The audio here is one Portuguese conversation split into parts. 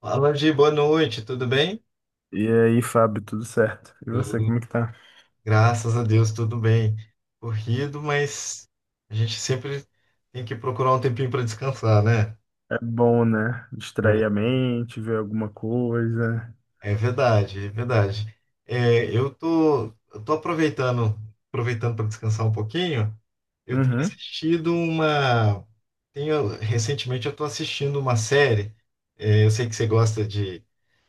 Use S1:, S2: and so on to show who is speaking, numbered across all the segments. S1: Fala, Gi, boa noite, tudo bem?
S2: E aí, Fábio, tudo certo? E você,
S1: Uhum.
S2: como que tá?
S1: Graças a Deus, tudo bem. Corrido, mas a gente sempre tem que procurar um tempinho para descansar, né?
S2: É bom, né? Distrair a mente, ver alguma coisa.
S1: É. É verdade, é verdade. É, eu tô, eu tô aproveitando para descansar um pouquinho. Eu tenho
S2: Uhum,
S1: assistido uma, tenho, Recentemente eu tô assistindo uma série. É, eu sei que você gosta de,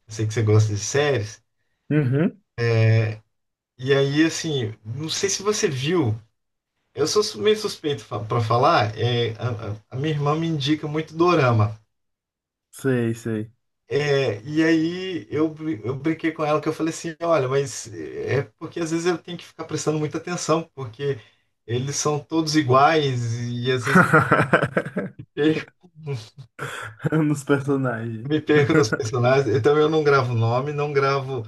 S1: eu sei que você gosta de séries.
S2: uhum.
S1: E aí, assim, não sei se você viu. Eu sou meio suspeito para falar, a minha irmã me indica muito dorama.
S2: Sei, sei.
S1: E aí eu brinquei com ela que eu falei assim, olha, mas é porque às vezes eu tenho que ficar prestando muita atenção, porque eles são todos iguais e às vezes eu me perco,
S2: Nos personagens.
S1: me perco nos personagens. Então eu não gravo nome, não gravo.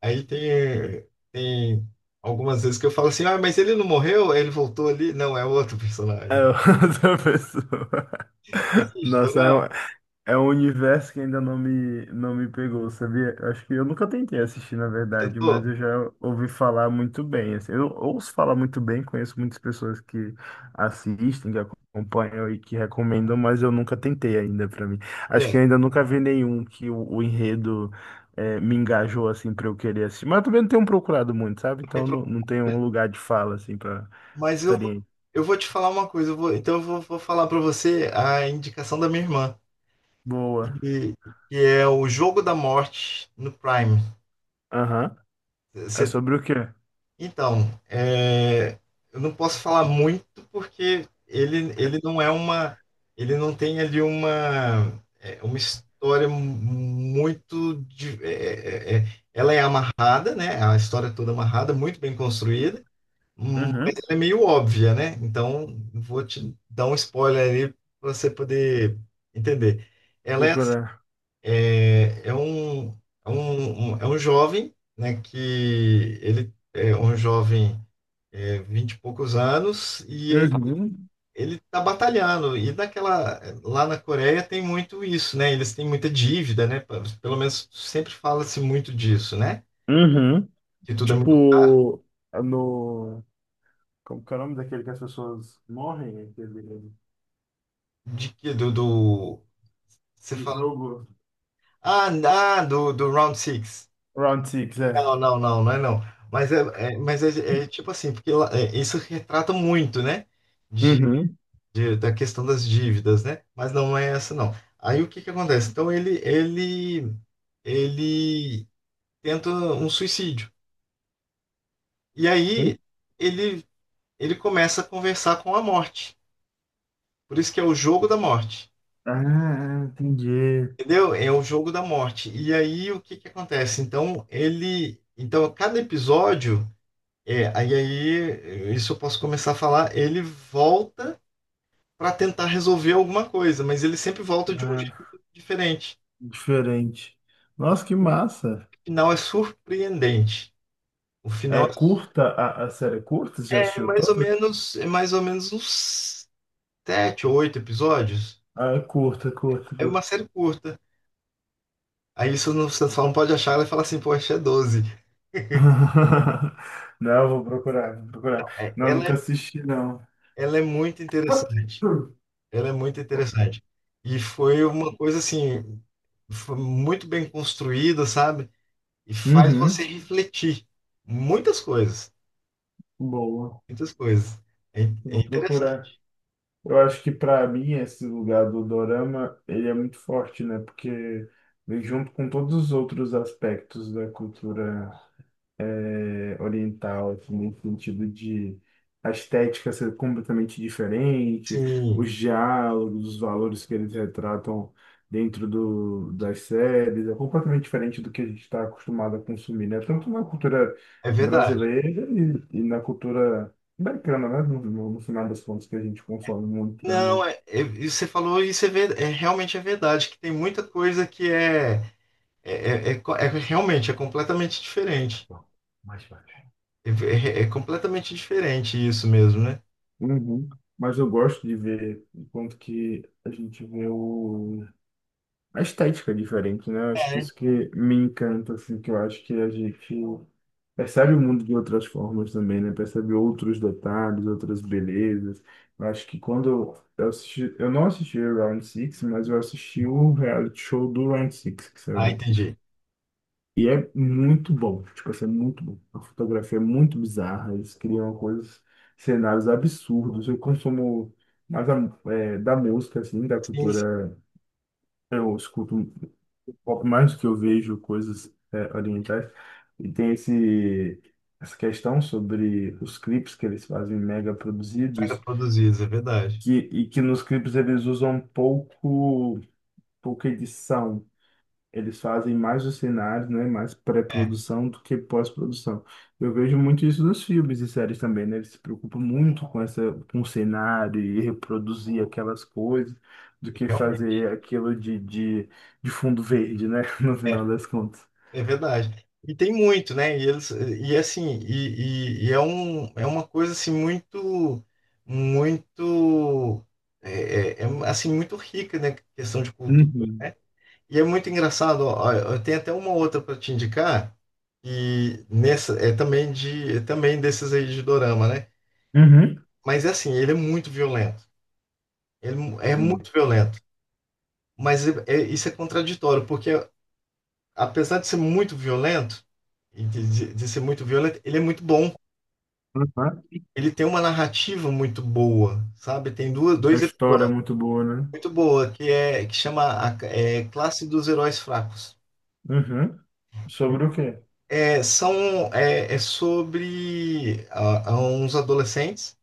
S1: Aí tem, tem algumas vezes que eu falo assim, mas ele não morreu? Ele voltou ali? Não, é outro
S2: É
S1: personagem.
S2: outra pessoa.
S1: Assiste,
S2: Nossa,
S1: dorama,
S2: é um universo que ainda não não me pegou, sabia? Eu acho que eu nunca tentei assistir, na verdade, mas
S1: tentou?
S2: eu já ouvi falar muito bem assim. Eu ouço falar muito bem, conheço muitas pessoas que assistem, que acompanham e que recomendam, mas eu nunca tentei ainda pra mim. Acho que
S1: Olha,
S2: eu ainda nunca vi nenhum que o enredo me engajou assim pra eu querer assistir. Mas eu também não tenho procurado muito, sabe?
S1: não
S2: Então
S1: tem.
S2: não tenho um lugar de fala assim para
S1: Mas eu, vou-
S2: experiência.
S1: eu vou te falar uma coisa, então eu vou falar pra você a indicação da minha irmã,
S2: Boa.
S1: que, que é o Jogo da Morte no Prime.
S2: Aham. É
S1: Você-
S2: sobre o quê?
S1: então, é, eu não posso falar muito porque ele não é uma, ele não tem ali uma, uma história muito, ela é amarrada, né? A história é toda amarrada, muito bem construída.
S2: Uhum.
S1: É meio óbvia, né? Então, vou te dar um spoiler ali para você poder entender. Ela é, assim,
S2: Procurar.
S1: é, é um, é um jovem, né? Que ele é um jovem, 20 e poucos anos, e ele,
S2: Uhum.
S1: ele tá batalhando. Lá na Coreia tem muito isso, né? Eles têm muita dívida, né? Pelo menos sempre fala-se muito disso, né?
S2: Uhum.
S1: Que tudo é muito caro.
S2: Tipo, no. Como que é o nome daquele que as pessoas morrem? Aquele...
S1: De que do, do- você
S2: Do
S1: fala,
S2: jogo.
S1: do Round six.
S2: Round Six, é.
S1: Não, não, não, não é não. Mas é, é, é tipo assim, porque isso retrata muito, né? De,
S2: Uhum.
S1: da questão das dívidas, né? Mas não é essa, não. Aí o que que acontece? Então ele tenta um suicídio. E
S2: Uhum.
S1: aí ele, ele começa a conversar com a morte. Por isso que é o jogo da morte.
S2: Ah, entendi.
S1: Entendeu? É o jogo da morte. E aí o que que acontece? Então cada episódio. Isso eu posso começar a falar. Ele volta para tentar resolver alguma coisa, mas ele sempre volta de um jeito
S2: Ah,
S1: diferente.
S2: diferente. Nossa, que massa.
S1: O final é surpreendente. O final
S2: É curta a série? É curta? Você já
S1: é
S2: assistiu
S1: mais ou
S2: toda?
S1: menos, uns sete ou oito episódios.
S2: Ah, é curta, curta,
S1: É uma
S2: curta.
S1: série curta. Aí isso não- você só não pode achar ela e falar assim, poxa, é doze.
S2: Não, vou procurar, vou procurar.
S1: É,
S2: Não,
S1: ela,
S2: nunca
S1: é-
S2: assisti, não.
S1: Ela é muito interessante. Ela é muito interessante. E foi uma coisa assim, foi muito bem construída, sabe? E faz você
S2: Uhum,
S1: refletir muitas coisas,
S2: boa.
S1: muitas coisas. É
S2: Vou procurar.
S1: interessante.
S2: Eu acho que para mim esse lugar do dorama, ele é muito forte, né? Porque vem junto com todos os outros aspectos da cultura oriental, assim, nesse sentido de a estética ser completamente diferente, os
S1: Sim,
S2: diálogos, os valores que eles retratam dentro das séries, é completamente diferente do que a gente está acostumado a consumir, né? Tanto na cultura
S1: é verdade.
S2: brasileira e na cultura americana, né? No final das contas, que a gente consome muito
S1: Não,
S2: também.
S1: e você falou isso. É realmente é verdade, que tem muita coisa que é realmente é completamente
S2: Tá
S1: diferente.
S2: bom, mais baixo.
S1: É, é completamente diferente isso mesmo, né?
S2: Uhum. Mas eu gosto de ver o quanto que a gente vê o a estética é diferente, né? Eu acho que
S1: É.
S2: isso que me encanta, assim, que eu acho que a gente percebe o mundo de outras formas também, né? Percebe outros detalhes, outras belezas. Eu acho que quando eu assisti, eu não assisti o Round Six mas eu assisti o reality show do Round Six que saiu
S1: Ah,
S2: depois.
S1: entendi.
S2: E é muito bom, tipo assim, é muito bom. A fotografia é muito bizarra, eles criam coisas, cenários absurdos. Eu consumo mais da música, assim, da
S1: Sim, sim,
S2: cultura eu escuto um pouco mais do que eu vejo coisas orientais. E tem essa questão sobre os clipes que eles fazem mega
S1: mega
S2: produzidos,
S1: produzidos, é verdade.
S2: que nos clipes eles usam pouca edição. Eles fazem mais os cenários, né? Mais
S1: É,
S2: pré-produção do que pós-produção. Eu vejo muito isso nos filmes e séries também, né? Eles se preocupam muito com essa, com o cenário e reproduzir aquelas coisas do que fazer
S1: realmente.
S2: aquilo de fundo verde, né? No
S1: É,
S2: final das contas.
S1: é verdade. E tem muito, né? E eles e assim, e é um é uma coisa assim muito muito assim muito rica, né? Questão de cultura,
S2: Uhum.
S1: né? E é muito engraçado, ó, eu tenho até uma outra para te indicar e nessa é também de é também desses aí de dorama, né?
S2: Uhum.
S1: Mas é assim, ele é muito violento. Ele é
S2: Uhum.
S1: muito violento. Isso é contraditório, porque apesar de ser muito violento, e ser muito violento, ele é muito bom.
S2: Uhum.
S1: Ele tem uma narrativa muito boa, sabe? Tem duas,
S2: A
S1: dois
S2: história é
S1: episódios
S2: muito boa, né?
S1: muito boa que é que chama a, Classe dos Heróis Fracos.
S2: Uhum. Sobre o quê?
S1: É, são é sobre uns adolescentes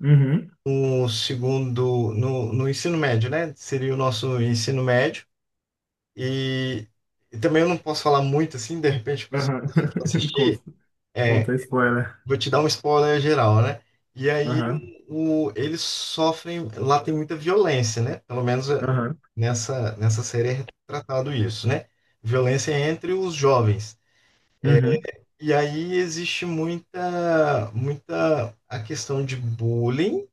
S2: Uhum.
S1: no segundo no, no ensino médio, né? Seria o nosso ensino médio e, e também eu não posso falar muito assim, de repente se você for
S2: Uhum.
S1: assistir,
S2: Conta
S1: é,
S2: conta spoiler.
S1: vou te dar um spoiler geral, né? E aí
S2: Aham.
S1: o, eles sofrem, lá tem muita violência, né? Pelo menos
S2: Aham.
S1: nessa, série é retratado isso, né? Violência entre os jovens.
S2: Uhum.
S1: E aí existe muita, a questão de bullying,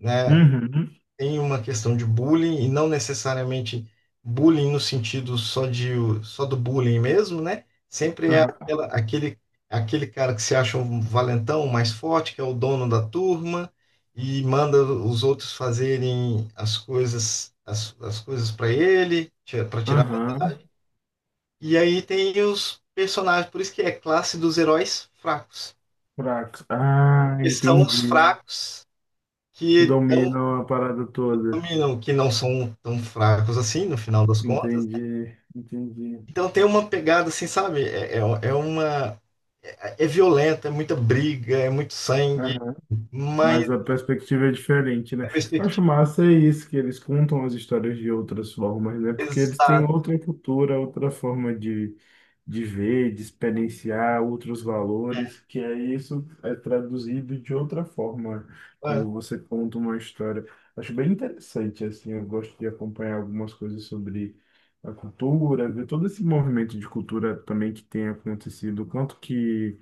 S1: né?
S2: Uhum.
S1: Tem uma questão de bullying e não necessariamente bullying no sentido só de só do bullying mesmo, né? Sempre é
S2: Uhum.
S1: aquela- aquele cara que se acha um valentão, um mais forte, que é o dono da turma e manda os outros fazerem as coisas as, coisas para ele, para tirar.
S2: Aham,
S1: E aí tem os personagens, por isso que é classe dos heróis fracos,
S2: fracos. Ah,
S1: que são
S2: entendi.
S1: os fracos
S2: Que
S1: que
S2: dominam a parada toda.
S1: dominam, que não são tão fracos assim, no final das contas.
S2: Entendi, entendi.
S1: Então tem uma pegada assim, sabe? É uma. É violenta, é muita briga, é muito sangue,
S2: Aham.
S1: mas
S2: Mas a perspectiva é diferente, né?
S1: a
S2: Eu acho
S1: perspectiva
S2: massa é isso, que eles contam as histórias de outras formas, né?
S1: é
S2: Porque eles têm
S1: exata,
S2: outra cultura, outra forma de ver, de experienciar outros valores, que é isso é traduzido de outra forma quando você conta uma história. Acho bem interessante, assim, eu gosto de acompanhar algumas coisas sobre a cultura, ver todo esse movimento de cultura também que tem acontecido, quanto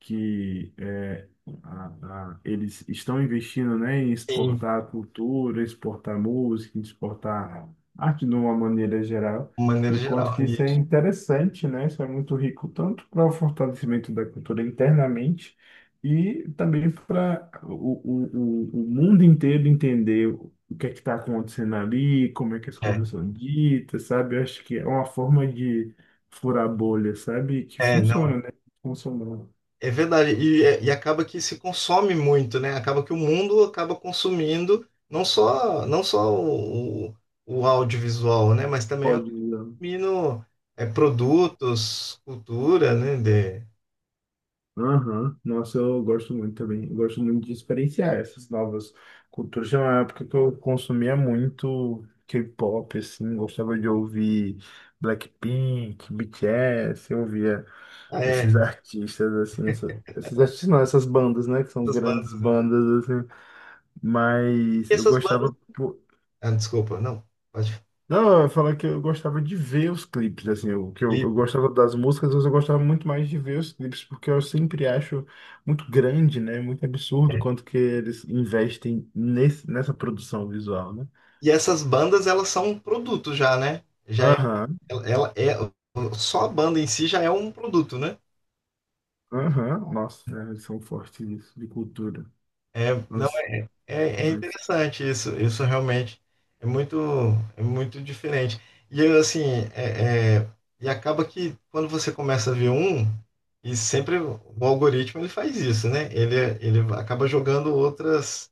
S2: que é, a- eles estão investindo, né, em
S1: sim,
S2: exportar a cultura, exportar música, exportar arte de uma maneira geral.
S1: de maneira
S2: E o quanto
S1: geral.
S2: que isso é interessante, né? Isso é muito rico, tanto para o fortalecimento da cultura internamente e também para o mundo inteiro entender o que é que está acontecendo ali, como é que as coisas
S1: É,
S2: são ditas, sabe? Eu acho que é uma forma de furar bolha, sabe? Que
S1: não,
S2: funciona, né? Funcionou.
S1: é verdade. E, e acaba que se consome muito, né? Acaba que o mundo acaba consumindo não só, não só o audiovisual, né? Mas também
S2: Pode, né?
S1: consumindo produtos, cultura, né? De,
S2: Aham. Nossa, eu gosto muito também. Eu gosto muito de experienciar essas novas culturas. Tinha uma época que eu consumia muito K-pop, assim, gostava de ouvir Blackpink, BTS, eu ouvia
S1: ah,
S2: esses
S1: é,
S2: artistas, assim, essa- esses artistas não, essas bandas, né, que são
S1: essas
S2: grandes
S1: bandas, né?
S2: bandas, assim, mas
S1: E
S2: eu
S1: essas bandas.
S2: gostava.
S1: Ah, desculpa, não. Pode.
S2: Não, eu ia falar que eu gostava de ver os clipes, assim, o que
S1: E
S2: eu gostava das músicas, mas eu gostava muito mais de ver os clipes, porque eu sempre acho muito grande, né, muito absurdo quanto que eles investem nessa produção visual, né?
S1: E essas bandas, elas são um produto já, né? Já é,
S2: Aham,
S1: ela é, só a banda em si já é um produto, né?
S2: aham, nossa, é, eles são fortes nisso, de cultura,
S1: É, não,
S2: nossa,
S1: é
S2: as
S1: interessante isso, isso realmente é muito, é muito diferente. E eu, assim, é, é, e acaba que quando você começa a ver um, e sempre o algoritmo ele faz isso, né? Ele acaba jogando outras,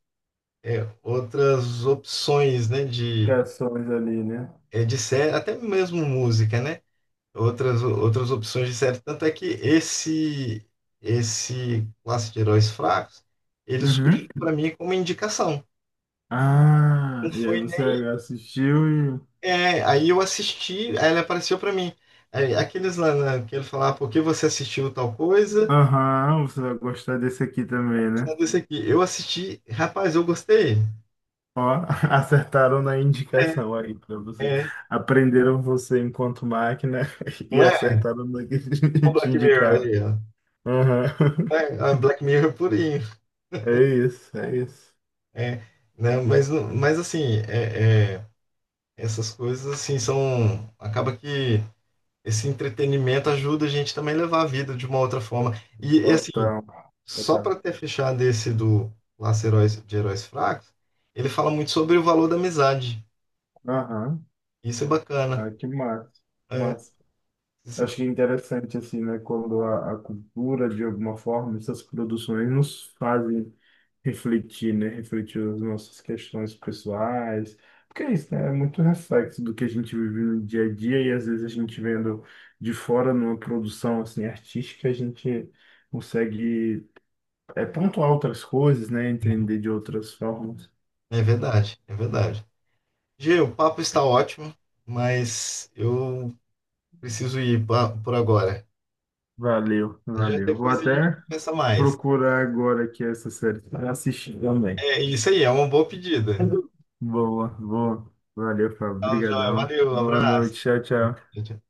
S1: outras opções, né? De,
S2: criações ali, né?
S1: de série, até mesmo música, né? Outras, opções de série. Tanto é que esse, classe de heróis fracos, ele surgiu
S2: Uhum.
S1: para mim como indicação.
S2: Ah,
S1: Não
S2: e aí
S1: Foi
S2: você
S1: nem,
S2: assistiu e...
S1: é, aí eu assisti, aí ele apareceu para mim. Aí, aqueles lá né, que ele falava, "Ah, por que você assistiu tal coisa?
S2: Aham, você vai gostar desse aqui também, né?
S1: Esse aqui, eu assisti, rapaz, eu gostei."
S2: Ó, acertaram na
S1: É,
S2: indicação aí para você.
S1: é,
S2: Aprenderam você enquanto máquina e
S1: não é
S2: acertaram no que
S1: o
S2: te
S1: Black Mirror
S2: indicaram.
S1: aí, ó.
S2: Aham.
S1: Não. É Black Mirror purinho.
S2: É isso, é isso.
S1: É, né, mas, não- mas assim, é, é, essas coisas assim são. Acaba que esse entretenimento ajuda a gente também a levar a vida de uma outra forma. Assim,
S2: Total,
S1: só
S2: total.
S1: para ter fechado esse do Laço Heróis de Heróis Fracos, ele fala muito sobre o valor da amizade.
S2: Aham.
S1: Isso é bacana.
S2: Ah, que massa.
S1: É,
S2: Massa. Eu
S1: isso é
S2: acho que é interessante, assim, né, quando a cultura, de alguma forma, essas produções nos fazem refletir, né, refletir as nossas questões pessoais, porque é isso, né, é muito reflexo do que a gente vive no dia a dia e às vezes a gente vendo de fora numa produção, assim, artística, a gente consegue pontuar outras coisas, né, entender de outras formas.
S1: é verdade, é verdade. Gê, o papo está ótimo, mas eu preciso ir por agora.
S2: Valeu,
S1: Já
S2: valeu. Vou
S1: depois a gente
S2: até
S1: conversa mais.
S2: procurar agora aqui essa série para assistir também.
S1: É isso aí, é uma boa pedida.
S2: Boa, boa. Valeu, Fábio.
S1: Tchau, joia.
S2: Obrigadão.
S1: Valeu,
S2: Boa
S1: abraço.
S2: noite. Tchau, tchau.
S1: Tchau, tchau.